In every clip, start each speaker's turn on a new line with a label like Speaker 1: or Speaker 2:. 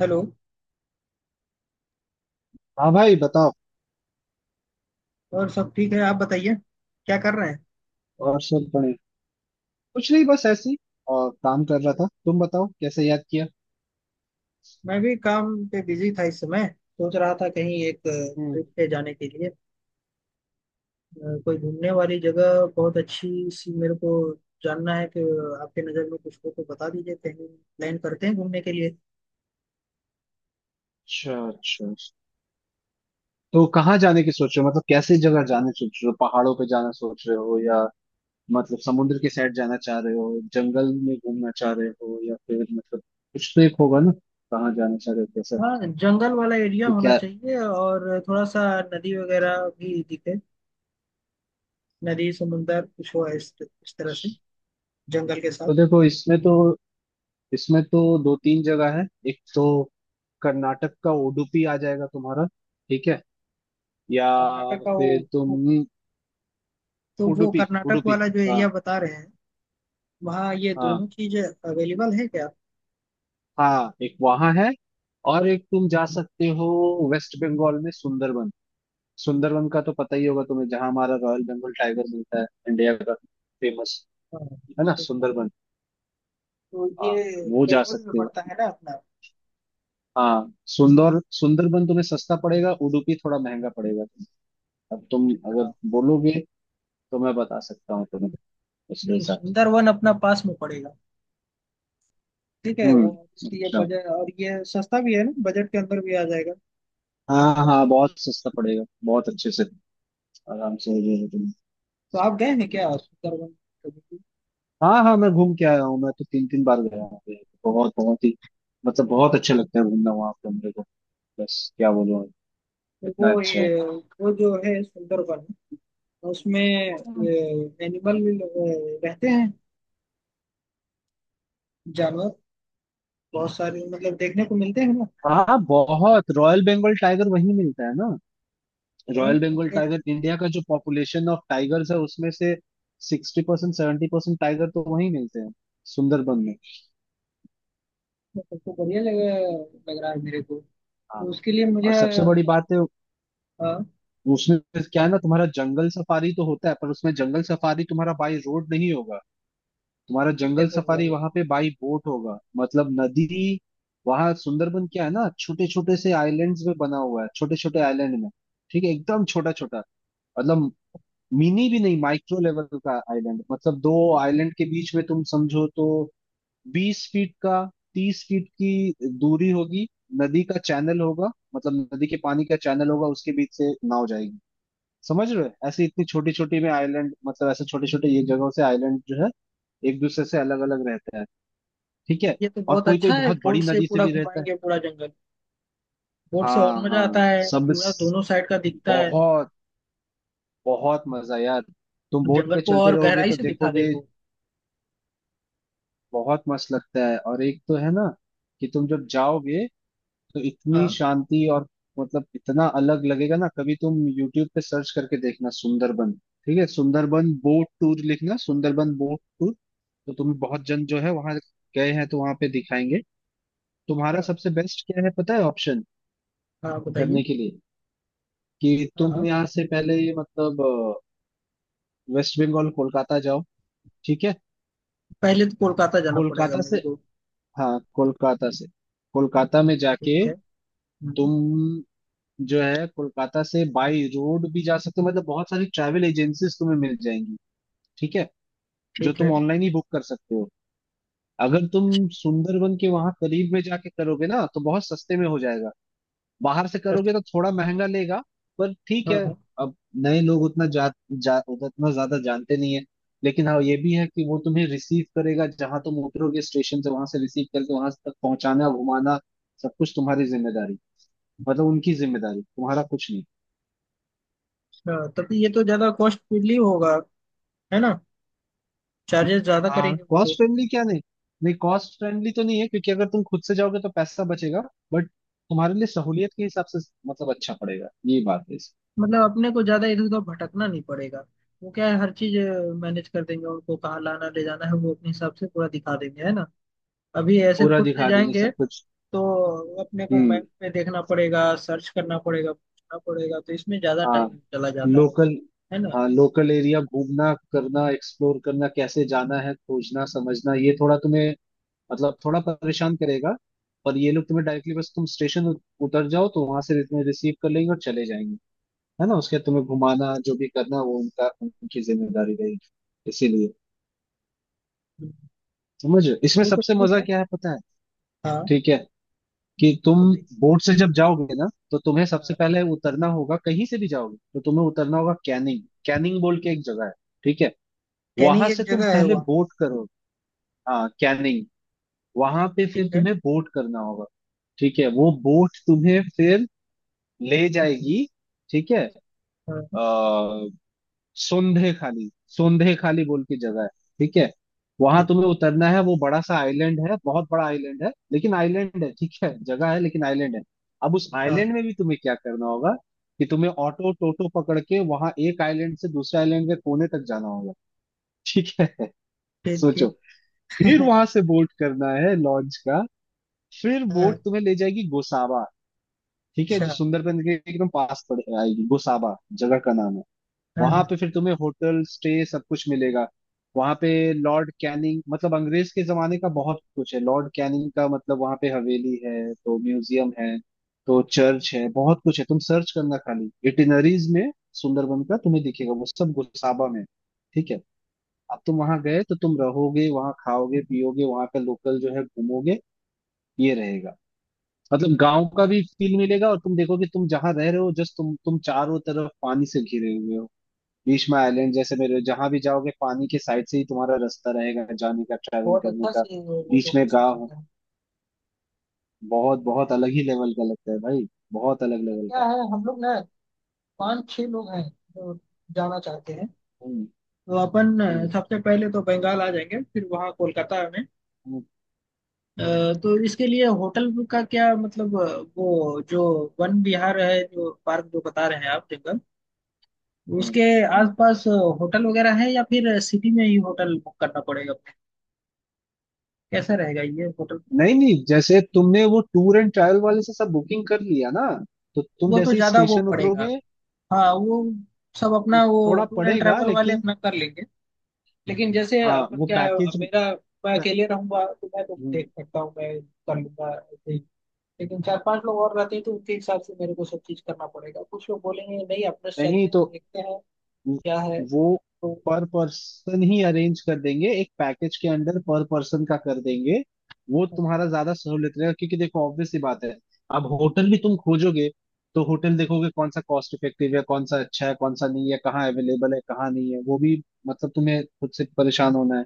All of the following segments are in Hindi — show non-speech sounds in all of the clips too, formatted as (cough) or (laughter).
Speaker 1: हेलो।
Speaker 2: हाँ भाई बताओ।
Speaker 1: और सब ठीक है? आप बताइए, क्या कर रहे हैं?
Speaker 2: और सब बढ़िया। कुछ नहीं बस ऐसे ही और काम कर रहा था, तुम बताओ कैसे याद किया।
Speaker 1: मैं भी काम पे बिजी था इस समय। सोच रहा था कहीं एक
Speaker 2: हम्म।
Speaker 1: ट्रिप पे जाने के लिए कोई घूमने वाली जगह बहुत अच्छी सी मेरे को जानना है कि आपके नज़र में कुछ हो तो बता दीजिए, कहीं प्लान करते हैं घूमने के लिए।
Speaker 2: अच्छा अच्छा, तो कहाँ जाने की सोच रहे हो, मतलब कैसे जगह जाने सोच रहे हो? पहाड़ों पे जाना सोच रहे हो या मतलब समुद्र के साइड जाना चाह रहे हो, जंगल में घूमना चाह रहे हो, या फिर मतलब कुछ तो एक होगा ना। कहाँ जाना चाह रहे हो, कैसा?
Speaker 1: हाँ, जंगल वाला एरिया
Speaker 2: कि
Speaker 1: होना
Speaker 2: क्या?
Speaker 1: चाहिए और थोड़ा सा नदी वगैरह भी दिखे। नदी समुंदर कुछ हो इस तरह से जंगल के साथ।
Speaker 2: तो देखो इसमें तो दो तीन जगह है। एक तो कर्नाटक का उडुपी आ जाएगा तुम्हारा, ठीक है, या
Speaker 1: कर्नाटक का वो
Speaker 2: फिर
Speaker 1: वो-
Speaker 2: तुम
Speaker 1: तो वो
Speaker 2: उडुपी
Speaker 1: कर्नाटक
Speaker 2: उडुपी
Speaker 1: वाला जो
Speaker 2: हाँ।
Speaker 1: एरिया बता रहे हैं, वहाँ ये दोनों
Speaker 2: हाँ,
Speaker 1: चीजें अवेलेबल है क्या?
Speaker 2: हाँ एक वहां है और एक तुम जा सकते हो, वेस्ट बंगाल में सुंदरबन। सुंदरबन का तो पता ही होगा तुम्हें, जहां हमारा रॉयल बंगाल टाइगर मिलता है इंडिया का फेमस,
Speaker 1: हाँ,
Speaker 2: है ना
Speaker 1: सुंदर
Speaker 2: सुंदरबन।
Speaker 1: तो
Speaker 2: हाँ
Speaker 1: ये
Speaker 2: वो जा
Speaker 1: बंगाल में
Speaker 2: सकते हो।
Speaker 1: पड़ता है ना अपना?
Speaker 2: हाँ सुंदर सुंदरबन तुम्हें सस्ता पड़ेगा, उडुपी थोड़ा महंगा पड़ेगा तुम्हें। अब तुम अगर
Speaker 1: हाँ,
Speaker 2: बोलोगे तो मैं बता सकता हूँ तुम्हें उसके
Speaker 1: नहीं
Speaker 2: हिसाब से।
Speaker 1: सुंदरवन अपना पास में पड़ेगा। ठीक है वो, इसलिए
Speaker 2: अच्छा।
Speaker 1: बजट और ये सस्ता भी है ना, बजट के अंदर भी आ जाएगा।
Speaker 2: हाँ हाँ बहुत सस्ता पड़ेगा, बहुत अच्छे से आराम से हो जाएगा तुम्हें।
Speaker 1: तो आप गए हैं क्या सुंदरवन कभी भी?
Speaker 2: हाँ हाँ मैं घूम के आया हूँ, मैं तो तीन तीन बार गया हूँ यहाँ पे। बहुत बहुत ही मतलब बहुत अच्छा लगता है घूमना वहाँ पे मेरे को, बस क्या बोलूँ
Speaker 1: तो
Speaker 2: इतना
Speaker 1: वो
Speaker 2: अच्छा
Speaker 1: ये
Speaker 2: है।
Speaker 1: वो जो है सुंदरवन उसमें
Speaker 2: हम्म।
Speaker 1: एनिमल रहते हैं, जानवर बहुत सारे मतलब देखने को मिलते हैं ना?
Speaker 2: हाँ बहुत, रॉयल बंगाल टाइगर वहीं मिलता है ना।
Speaker 1: हाँ,
Speaker 2: रॉयल बंगाल
Speaker 1: तो
Speaker 2: टाइगर इंडिया का जो पॉपुलेशन ऑफ टाइगर्स है उसमें से 60% 70% टाइगर तो वहीं मिलते हैं सुंदरबन में।
Speaker 1: सबको बढ़िया लग लग रहा है मेरे को।
Speaker 2: हाँ
Speaker 1: तो उसके लिए मुझे
Speaker 2: और सबसे बड़ी बात है उसमें क्या है ना, तुम्हारा जंगल सफारी तो होता है पर उसमें जंगल सफारी तुम्हारा बाई रोड नहीं होगा, तुम्हारा जंगल
Speaker 1: कैसे होगा
Speaker 2: सफारी
Speaker 1: वो?
Speaker 2: वहां पे बाई बोट होगा, मतलब नदी। वहां सुंदरबन क्या है ना, छोटे छोटे से आइलैंड्स में बना हुआ है, छोटे छोटे आइलैंड में। ठीक है, एकदम छोटा छोटा, मतलब मिनी भी नहीं माइक्रो लेवल का आइलैंड, मतलब दो आइलैंड के बीच में तुम समझो तो 20 फीट का 30 फीट की दूरी होगी, नदी का चैनल होगा, मतलब नदी के पानी का चैनल होगा, उसके बीच से नाव जाएगी। समझ रहे हो, ऐसे इतनी छोटी छोटी में आइलैंड मतलब ऐसे छोटे छोटे ये जगहों से आइलैंड जो है एक दूसरे से अलग अलग रहते हैं। ठीक है।
Speaker 1: ये तो
Speaker 2: और
Speaker 1: बहुत
Speaker 2: कोई कोई
Speaker 1: अच्छा है,
Speaker 2: बहुत
Speaker 1: बोट
Speaker 2: बड़ी
Speaker 1: से
Speaker 2: नदी से
Speaker 1: पूरा
Speaker 2: भी रहता है।
Speaker 1: घुमाएंगे पूरा जंगल। बोट से और
Speaker 2: हाँ
Speaker 1: मजा
Speaker 2: हाँ
Speaker 1: आता है,
Speaker 2: सब,
Speaker 1: पूरा दोनों साइड का दिखता है।
Speaker 2: बहुत बहुत मजा यार, तुम बोट
Speaker 1: जंगल
Speaker 2: पे
Speaker 1: को
Speaker 2: चलते
Speaker 1: और
Speaker 2: रहोगे
Speaker 1: गहराई
Speaker 2: तो
Speaker 1: से दिखा देगा
Speaker 2: देखोगे
Speaker 1: वो।
Speaker 2: बहुत मस्त लगता है। और एक तो है ना कि तुम जब जाओगे तो इतनी
Speaker 1: हाँ।
Speaker 2: शांति और मतलब इतना अलग लगेगा ना। कभी तुम यूट्यूब पे सर्च करके देखना सुंदरबन, ठीक है, सुंदरबन बोट टूर लिखना, सुंदरबन बोट टूर। तो तुम्हें बहुत जन जो है वहां गए हैं तो वहां पे दिखाएंगे। तुम्हारा
Speaker 1: क्या?
Speaker 2: सबसे बेस्ट क्या है पता है ऑप्शन
Speaker 1: हाँ बताइए।
Speaker 2: करने के लिए कि
Speaker 1: हाँ
Speaker 2: तुम
Speaker 1: हाँ।
Speaker 2: यहाँ से पहले मतलब वेस्ट बंगाल कोलकाता जाओ, ठीक है।
Speaker 1: पहले तो कोलकाता जाना पड़ेगा
Speaker 2: कोलकाता से,
Speaker 1: मेरे को।
Speaker 2: हाँ कोलकाता से, कोलकाता में जाके
Speaker 1: ठीक है। हम्म।
Speaker 2: तुम जो है कोलकाता से बाई रोड भी जा सकते हो, मतलब बहुत सारी ट्रैवल एजेंसीज तुम्हें मिल जाएंगी, ठीक है, जो
Speaker 1: ठीक
Speaker 2: तुम
Speaker 1: है।
Speaker 2: ऑनलाइन ही बुक कर सकते हो। अगर तुम सुंदरबन के वहां करीब में जाके करोगे ना तो बहुत सस्ते में हो जाएगा, बाहर से
Speaker 1: अच्छा।
Speaker 2: करोगे तो थोड़ा महंगा लेगा, पर ठीक है।
Speaker 1: हाँ हाँ।
Speaker 2: अब नए लोग उतना जा उतना ज्यादा जानते नहीं है, लेकिन हाँ ये भी है कि वो तुम्हें रिसीव करेगा, जहां तुम उतरोगे स्टेशन से वहां से रिसीव करके वहां तक पहुंचाना, घुमाना, सब कुछ तुम्हारी जिम्मेदारी, मतलब उनकी जिम्मेदारी, तुम्हारा कुछ नहीं।
Speaker 1: अच्छा, तभी ये तो ज्यादा कॉस्टली होगा, है ना? चार्जेस ज्यादा
Speaker 2: हाँ
Speaker 1: करेंगे वो
Speaker 2: कॉस्ट
Speaker 1: तो।
Speaker 2: फ्रेंडली क्या, नहीं नहीं कॉस्ट फ्रेंडली तो नहीं है, क्योंकि अगर तुम खुद से जाओगे तो पैसा बचेगा, बट तुम्हारे लिए सहूलियत के हिसाब से मतलब अच्छा पड़ेगा, ये बात है इसकी।
Speaker 1: मतलब अपने को ज्यादा इधर उधर भटकना नहीं पड़ेगा। वो क्या है, हर चीज मैनेज कर देंगे, उनको कहाँ लाना ले जाना है वो अपने हिसाब से पूरा दिखा देंगे, है ना? अभी ऐसे
Speaker 2: पूरा
Speaker 1: खुद से
Speaker 2: दिखा देंगे
Speaker 1: जाएंगे
Speaker 2: सब कुछ।
Speaker 1: तो अपने को
Speaker 2: हम्म
Speaker 1: मैप पे देखना पड़ेगा, सर्च करना पड़ेगा, पूछना पड़ेगा, तो इसमें ज्यादा
Speaker 2: हाँ
Speaker 1: टाइम चला जाता है
Speaker 2: लोकल,
Speaker 1: है ना?
Speaker 2: हाँ लोकल एरिया घूमना करना एक्सप्लोर करना कैसे जाना है खोजना समझना, ये थोड़ा तुम्हें मतलब थोड़ा परेशान करेगा, पर ये लोग तुम्हें डायरेक्टली बस तुम स्टेशन उतर जाओ तो वहां से तुम्हें रिसीव कर लेंगे और चले जाएंगे, है ना। उसके बाद तुम्हें घुमाना जो भी करना वो उनका, उनकी जिम्मेदारी रहेगी इसीलिए। समझ रहे हो? इसमें
Speaker 1: वो तो
Speaker 2: सबसे
Speaker 1: ठीक
Speaker 2: मजा
Speaker 1: है।
Speaker 2: क्या है पता है।
Speaker 1: हाँ
Speaker 2: ठीक है कि तुम
Speaker 1: बताइए।
Speaker 2: बोट से जब जाओगे ना तो तुम्हें सबसे
Speaker 1: हाँ।
Speaker 2: पहले उतरना होगा, कहीं से भी जाओगे तो तुम्हें उतरना होगा कैनिंग, कैनिंग बोल के एक जगह है, ठीक है।
Speaker 1: कैनिंग
Speaker 2: वहां
Speaker 1: एक
Speaker 2: से तुम
Speaker 1: जगह है
Speaker 2: पहले
Speaker 1: वहाँ?
Speaker 2: बोट करो, हाँ कैनिंग, वहां पे
Speaker 1: ठीक
Speaker 2: फिर
Speaker 1: है।
Speaker 2: तुम्हें बोट करना होगा, ठीक है। वो बोट तुम्हें फिर ले जाएगी, ठीक है,
Speaker 1: हाँ।
Speaker 2: अ सोंधे खाली, सोंधे खाली बोल के जगह है, ठीक है। वहां
Speaker 1: ठीक।
Speaker 2: तुम्हें उतरना है, वो बड़ा सा आइलैंड है, बहुत बड़ा आइलैंड है, लेकिन आइलैंड है, ठीक है। जगह है लेकिन आइलैंड है। अब उस आइलैंड
Speaker 1: हाँ।
Speaker 2: में भी तुम्हें क्या करना होगा कि तुम्हें ऑटो टोटो पकड़ के वहां एक आइलैंड से दूसरे आइलैंड के कोने तक जाना होगा, ठीक है। (laughs)
Speaker 1: ठीक
Speaker 2: सोचो,
Speaker 1: ठीक।
Speaker 2: फिर
Speaker 1: (laughs)
Speaker 2: वहां से बोट करना है लॉन्च का, फिर
Speaker 1: हाँ।
Speaker 2: बोट तुम्हें ले जाएगी गोसावा, ठीक है, जो
Speaker 1: अच्छा।
Speaker 2: सुंदरबन के एकदम पास पड़ आएगी गोसावा, जगह का नाम है।
Speaker 1: हाँ
Speaker 2: वहां
Speaker 1: हाँ।
Speaker 2: पे फिर तुम्हें होटल स्टे सब कुछ मिलेगा। वहां पे लॉर्ड कैनिंग, मतलब अंग्रेज के जमाने का बहुत कुछ है, लॉर्ड कैनिंग का मतलब वहां पे हवेली है तो, म्यूजियम है तो, चर्च है, बहुत कुछ है। तुम सर्च करना खाली इटिनरीज में सुंदरबन का, तुम्हें दिखेगा वो सब गोसाबा में है। ठीक है। अब तुम वहां गए तो तुम रहोगे वहां, खाओगे पियोगे, वहां का लोकल जो है घूमोगे, ये रहेगा, मतलब गांव का भी फील मिलेगा। और तुम देखोगे तुम जहां रह रहे हो जस्ट तुम चारों तरफ पानी से घिरे हुए हो, बीच में आइलैंड जैसे मेरे जहां भी जाओगे पानी के साइड से ही तुम्हारा रास्ता रहेगा जाने का ट्रैवल
Speaker 1: बहुत
Speaker 2: करने
Speaker 1: अच्छा
Speaker 2: का,
Speaker 1: सी वो
Speaker 2: बीच में
Speaker 1: लोकेशन
Speaker 2: गाँव है।
Speaker 1: रहता है।
Speaker 2: बहुत बहुत अलग ही लेवल का लगता है भाई, बहुत अलग
Speaker 1: तो
Speaker 2: लेवल
Speaker 1: क्या
Speaker 2: का।
Speaker 1: है, हम लोग ना पाँच छह लोग हैं जो जाना चाहते हैं।
Speaker 2: हम्म
Speaker 1: तो अपन
Speaker 2: हम्म
Speaker 1: सबसे पहले तो बंगाल आ जाएंगे फिर वहाँ कोलकाता में
Speaker 2: हम्म
Speaker 1: अ,
Speaker 2: हम्म
Speaker 1: तो इसके लिए होटल का क्या मतलब वो जो वन विहार है जो पार्क जो बता रहे हैं आप जंगल
Speaker 2: हम्म
Speaker 1: उसके
Speaker 2: हम्म।
Speaker 1: आसपास होटल वगैरह है या फिर सिटी में ही होटल बुक करना पड़ेगा? कैसा रहेगा ये होटल?
Speaker 2: नहीं नहीं, जैसे तुमने वो टूर एंड ट्रैवल वाले से सब बुकिंग कर लिया ना, तो तुम
Speaker 1: वो तो
Speaker 2: जैसे ही
Speaker 1: ज्यादा वो
Speaker 2: स्टेशन
Speaker 1: पड़ेगा।
Speaker 2: उतरोगे,
Speaker 1: हाँ वो सब अपना वो
Speaker 2: थोड़ा
Speaker 1: टूर एंड
Speaker 2: पड़ेगा
Speaker 1: ट्रैवल वाले
Speaker 2: लेकिन,
Speaker 1: अपना कर लेंगे। लेकिन जैसे
Speaker 2: हाँ
Speaker 1: अपन
Speaker 2: वो
Speaker 1: क्या है,
Speaker 2: पैकेज,
Speaker 1: मेरा मैं अकेले रहूंगा तो मैं तो देख सकता हूँ, मैं कर लूंगा। लेकिन चार पांच लोग और रहते हैं तो उनके हिसाब से मेरे को सब चीज करना पड़ेगा, कुछ लोग बोलेंगे नहीं अपने से चलते
Speaker 2: नहीं
Speaker 1: हैं
Speaker 2: तो
Speaker 1: देखते हैं क्या है।
Speaker 2: वो
Speaker 1: तो
Speaker 2: पर पर्सन ही अरेंज कर देंगे, एक पैकेज के अंडर पर पर्सन का कर देंगे। वो तुम्हारा ज्यादा सहूलियत रहेगा, क्योंकि देखो ऑब्वियस सी बात है अब होटल भी तुम खोजोगे तो होटल देखोगे कौन सा कॉस्ट इफेक्टिव है, कौन सा अच्छा है, कौन सा नहीं है, कहाँ अवेलेबल है, कहाँ नहीं है, वो भी मतलब तुम्हें खुद से परेशान होना है।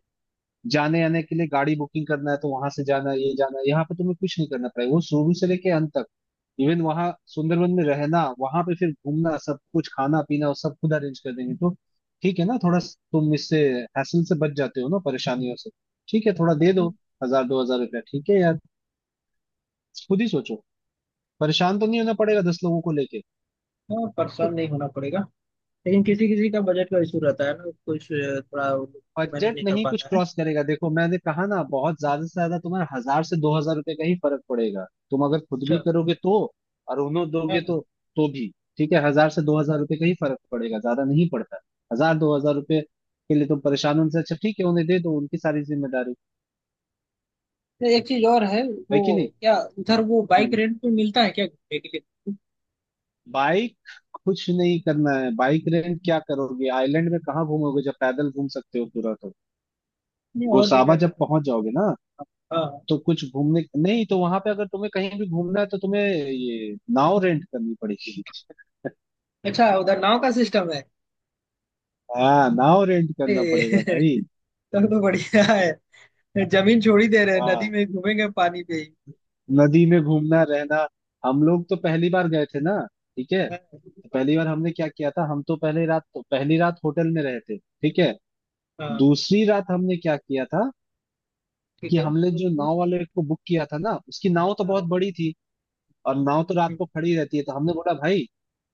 Speaker 2: जाने आने के लिए गाड़ी बुकिंग करना है तो वहां से जाना, ये जाना, यहाँ पे तुम्हें कुछ नहीं करना पड़ेगा, वो शुरू से लेके अंत तक, इवन वहां सुंदरबन में रहना, वहां पे फिर घूमना, सब कुछ खाना पीना वो सब खुद अरेंज कर देंगे। तो ठीक है ना, थोड़ा तुम इससे हैसल से बच जाते हो ना, परेशानियों से। ठीक है, थोड़ा दे दो हजार रुपया, ठीक है यार, खुद ही सोचो, परेशान तो नहीं होना पड़ेगा 10 लोगों को लेके।
Speaker 1: हाँ, परेशान नहीं होना पड़ेगा। लेकिन किसी किसी का बजट का इशू रहता है ना, कुछ थोड़ा मैनेज
Speaker 2: बजट
Speaker 1: नहीं कर
Speaker 2: नहीं कुछ
Speaker 1: पाता है।
Speaker 2: क्रॉस करेगा, देखो मैंने कहा ना बहुत ज्यादा से ज्यादा तुम्हारा हजार से दो हजार रुपए का ही फर्क पड़ेगा। तुम अगर खुद भी
Speaker 1: अच्छा।
Speaker 2: करोगे तो और उन्हों
Speaker 1: हाँ।
Speaker 2: दोगे तो भी ठीक है, हजार से दो हजार रुपए का ही फर्क पड़ेगा, ज्यादा नहीं पड़ता। हजार दो हजार रुपए के लिए तुम परेशान हो, उनसे अच्छा ठीक है उन्हें दे दो, उनकी सारी जिम्मेदारी
Speaker 1: तो एक चीज और है
Speaker 2: है
Speaker 1: वो,
Speaker 2: कि नहीं।
Speaker 1: क्या उधर वो बाइक
Speaker 2: हम्म।
Speaker 1: रेंट पे मिलता है क्या घूमने के लिए?
Speaker 2: बाइक, कुछ नहीं करना है, बाइक रेंट क्या करोगे आइलैंड में, कहाँ घूमोगे जब पैदल घूम सकते हो पूरा तो।
Speaker 1: नहीं और भी
Speaker 2: गोसाबा
Speaker 1: जगह
Speaker 2: जब
Speaker 1: है।
Speaker 2: पहुंच जाओगे ना
Speaker 1: हाँ।
Speaker 2: तो कुछ घूमने नहीं, तो वहां पे अगर तुम्हें कहीं भी घूमना है तो तुम्हें ये नाव रेंट करनी पड़ेगी।
Speaker 1: अच्छा, उधर नाव का सिस्टम है?
Speaker 2: हाँ नाव रेंट करना
Speaker 1: अरे
Speaker 2: पड़ेगा भाई।
Speaker 1: (laughs) तब तो बढ़िया है, जमीन छोड़ ही दे रहे हैं, नदी
Speaker 2: हाँ
Speaker 1: में ही घूमेंगे पानी पे ही।
Speaker 2: नदी में घूमना रहना। हम लोग तो पहली बार गए थे ना, ठीक है,
Speaker 1: हाँ
Speaker 2: तो पहली बार हमने क्या किया था, हम तो पहली रात, तो पहली रात होटल में रहे थे, ठीक है।
Speaker 1: हाँ।
Speaker 2: दूसरी रात हमने क्या किया था कि
Speaker 1: ठीक है।
Speaker 2: हमने जो
Speaker 1: उसमें
Speaker 2: नाव वाले को बुक किया था ना उसकी नाव तो बहुत
Speaker 1: हाँ।
Speaker 2: बड़ी थी, और नाव तो रात
Speaker 1: हम्म।
Speaker 2: को खड़ी रहती है, तो हमने बोला भाई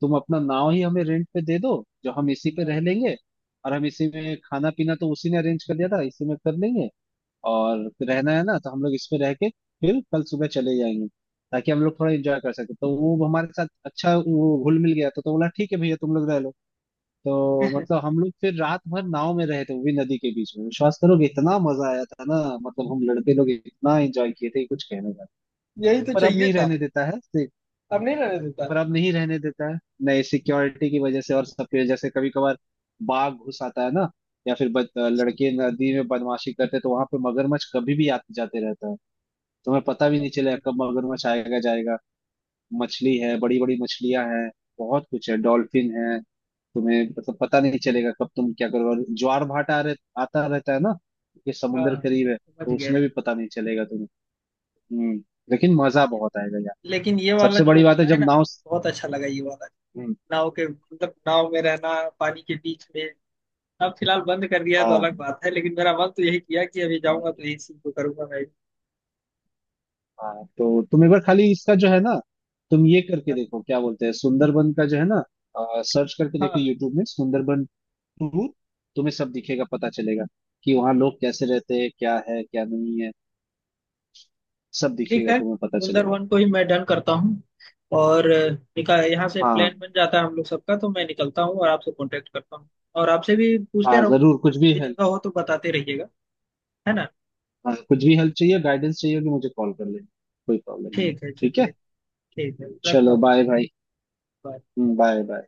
Speaker 2: तुम अपना नाव ही हमें रेंट पे दे दो, जो हम इसी पे
Speaker 1: हाँ।
Speaker 2: रह लेंगे, और हम इसी में खाना पीना तो उसी ने अरेंज कर दिया था, इसी में कर लेंगे। और रहना है ना, तो हम लोग इस पे रह के फिर कल सुबह चले जाएंगे, ताकि हम लोग थोड़ा एंजॉय कर सके, तो वो हमारे साथ अच्छा वो घुल मिल गया तो बोला ठीक है भैया तुम लोग रह लो। तो मतलब हम लोग फिर रात भर नाव में रहे थे, वो भी नदी के बीच में, विश्वास करोगे इतना मजा आया था ना, मतलब हम लड़के लोग इतना एंजॉय किए थे कि कुछ कहने का।
Speaker 1: यही तो
Speaker 2: पर अब
Speaker 1: चाहिए
Speaker 2: नहीं
Speaker 1: था।
Speaker 2: रहने देता है तो,
Speaker 1: अब नहीं रहने देता।
Speaker 2: पर अब नहीं रहने देता है। नहीं, सिक्योरिटी की वजह से, और सब पे जैसे कभी कभार बाघ घुस आता है ना, या फिर लड़के नदी में बदमाशी करते हैं, तो वहां पे मगरमच्छ कभी भी आते जाते रहता है, तुम्हें पता भी नहीं चलेगा कब मगरमच्छ आएगा जाएगा। मछली है, बड़ी बड़ी मछलियां हैं, बहुत कुछ है, डॉल्फिन है, तुम्हें मतलब पता नहीं चलेगा कब तुम क्या करोगे। और ज्वार भाटा आता रहता है ना, कि समुंदर
Speaker 1: हाँ,
Speaker 2: करीब है,
Speaker 1: समझ
Speaker 2: तो
Speaker 1: गए।
Speaker 2: उसमें भी पता नहीं चलेगा तुम्हें। हम्म। लेकिन मजा बहुत आएगा यार।
Speaker 1: लेकिन ये वाला
Speaker 2: सबसे
Speaker 1: जो
Speaker 2: बड़ी बात है
Speaker 1: बताए
Speaker 2: जब
Speaker 1: ना
Speaker 2: नाव।
Speaker 1: आप, बहुत अच्छा लगा ये वाला।
Speaker 2: हम्म।
Speaker 1: नाव के मतलब नाव में रहना पानी के बीच में। अब फिलहाल बंद कर दिया है तो अलग
Speaker 2: हाँ।
Speaker 1: बात है, लेकिन मेरा मन तो यही किया कि अभी जाऊंगा तो
Speaker 2: हाँ,
Speaker 1: यही सीन को करूंगा मैं।
Speaker 2: हाँ तो तुम एक बार खाली इसका जो है ना, तुम ये करके देखो, क्या बोलते हैं सुंदरबन का जो है ना, सर्च करके देखो
Speaker 1: हाँ
Speaker 2: यूट्यूब में सुंदरबन टूर, तुम्हें सब दिखेगा पता चलेगा, कि वहाँ लोग कैसे रहते हैं, क्या है क्या नहीं है, सब
Speaker 1: ठीक
Speaker 2: दिखेगा
Speaker 1: है।
Speaker 2: तुम्हें पता
Speaker 1: कुंदर
Speaker 2: चलेगा।
Speaker 1: वन को ही मैं डन करता हूँ। और निकाल यहाँ से प्लान
Speaker 2: हाँ,
Speaker 1: बन जाता है हम लोग सबका, तो मैं निकलता हूँ और आपसे कांटेक्ट करता हूँ। और आपसे भी पूछते
Speaker 2: हाँ
Speaker 1: रहूँ,
Speaker 2: जरूर कुछ भी
Speaker 1: ये
Speaker 2: हेल्प।
Speaker 1: जगह हो तो बताते रहिएगा, है ना?
Speaker 2: हाँ कुछ भी हेल्प चाहिए, गाइडेंस चाहिए होगी, मुझे कॉल कर लेना, कोई प्रॉब्लम नहीं है।
Speaker 1: ठीक है
Speaker 2: ठीक
Speaker 1: चलिए।
Speaker 2: है
Speaker 1: ठीक है, रखता
Speaker 2: चलो
Speaker 1: हूँ।
Speaker 2: बाय भाई।
Speaker 1: Bye.
Speaker 2: Bye bye.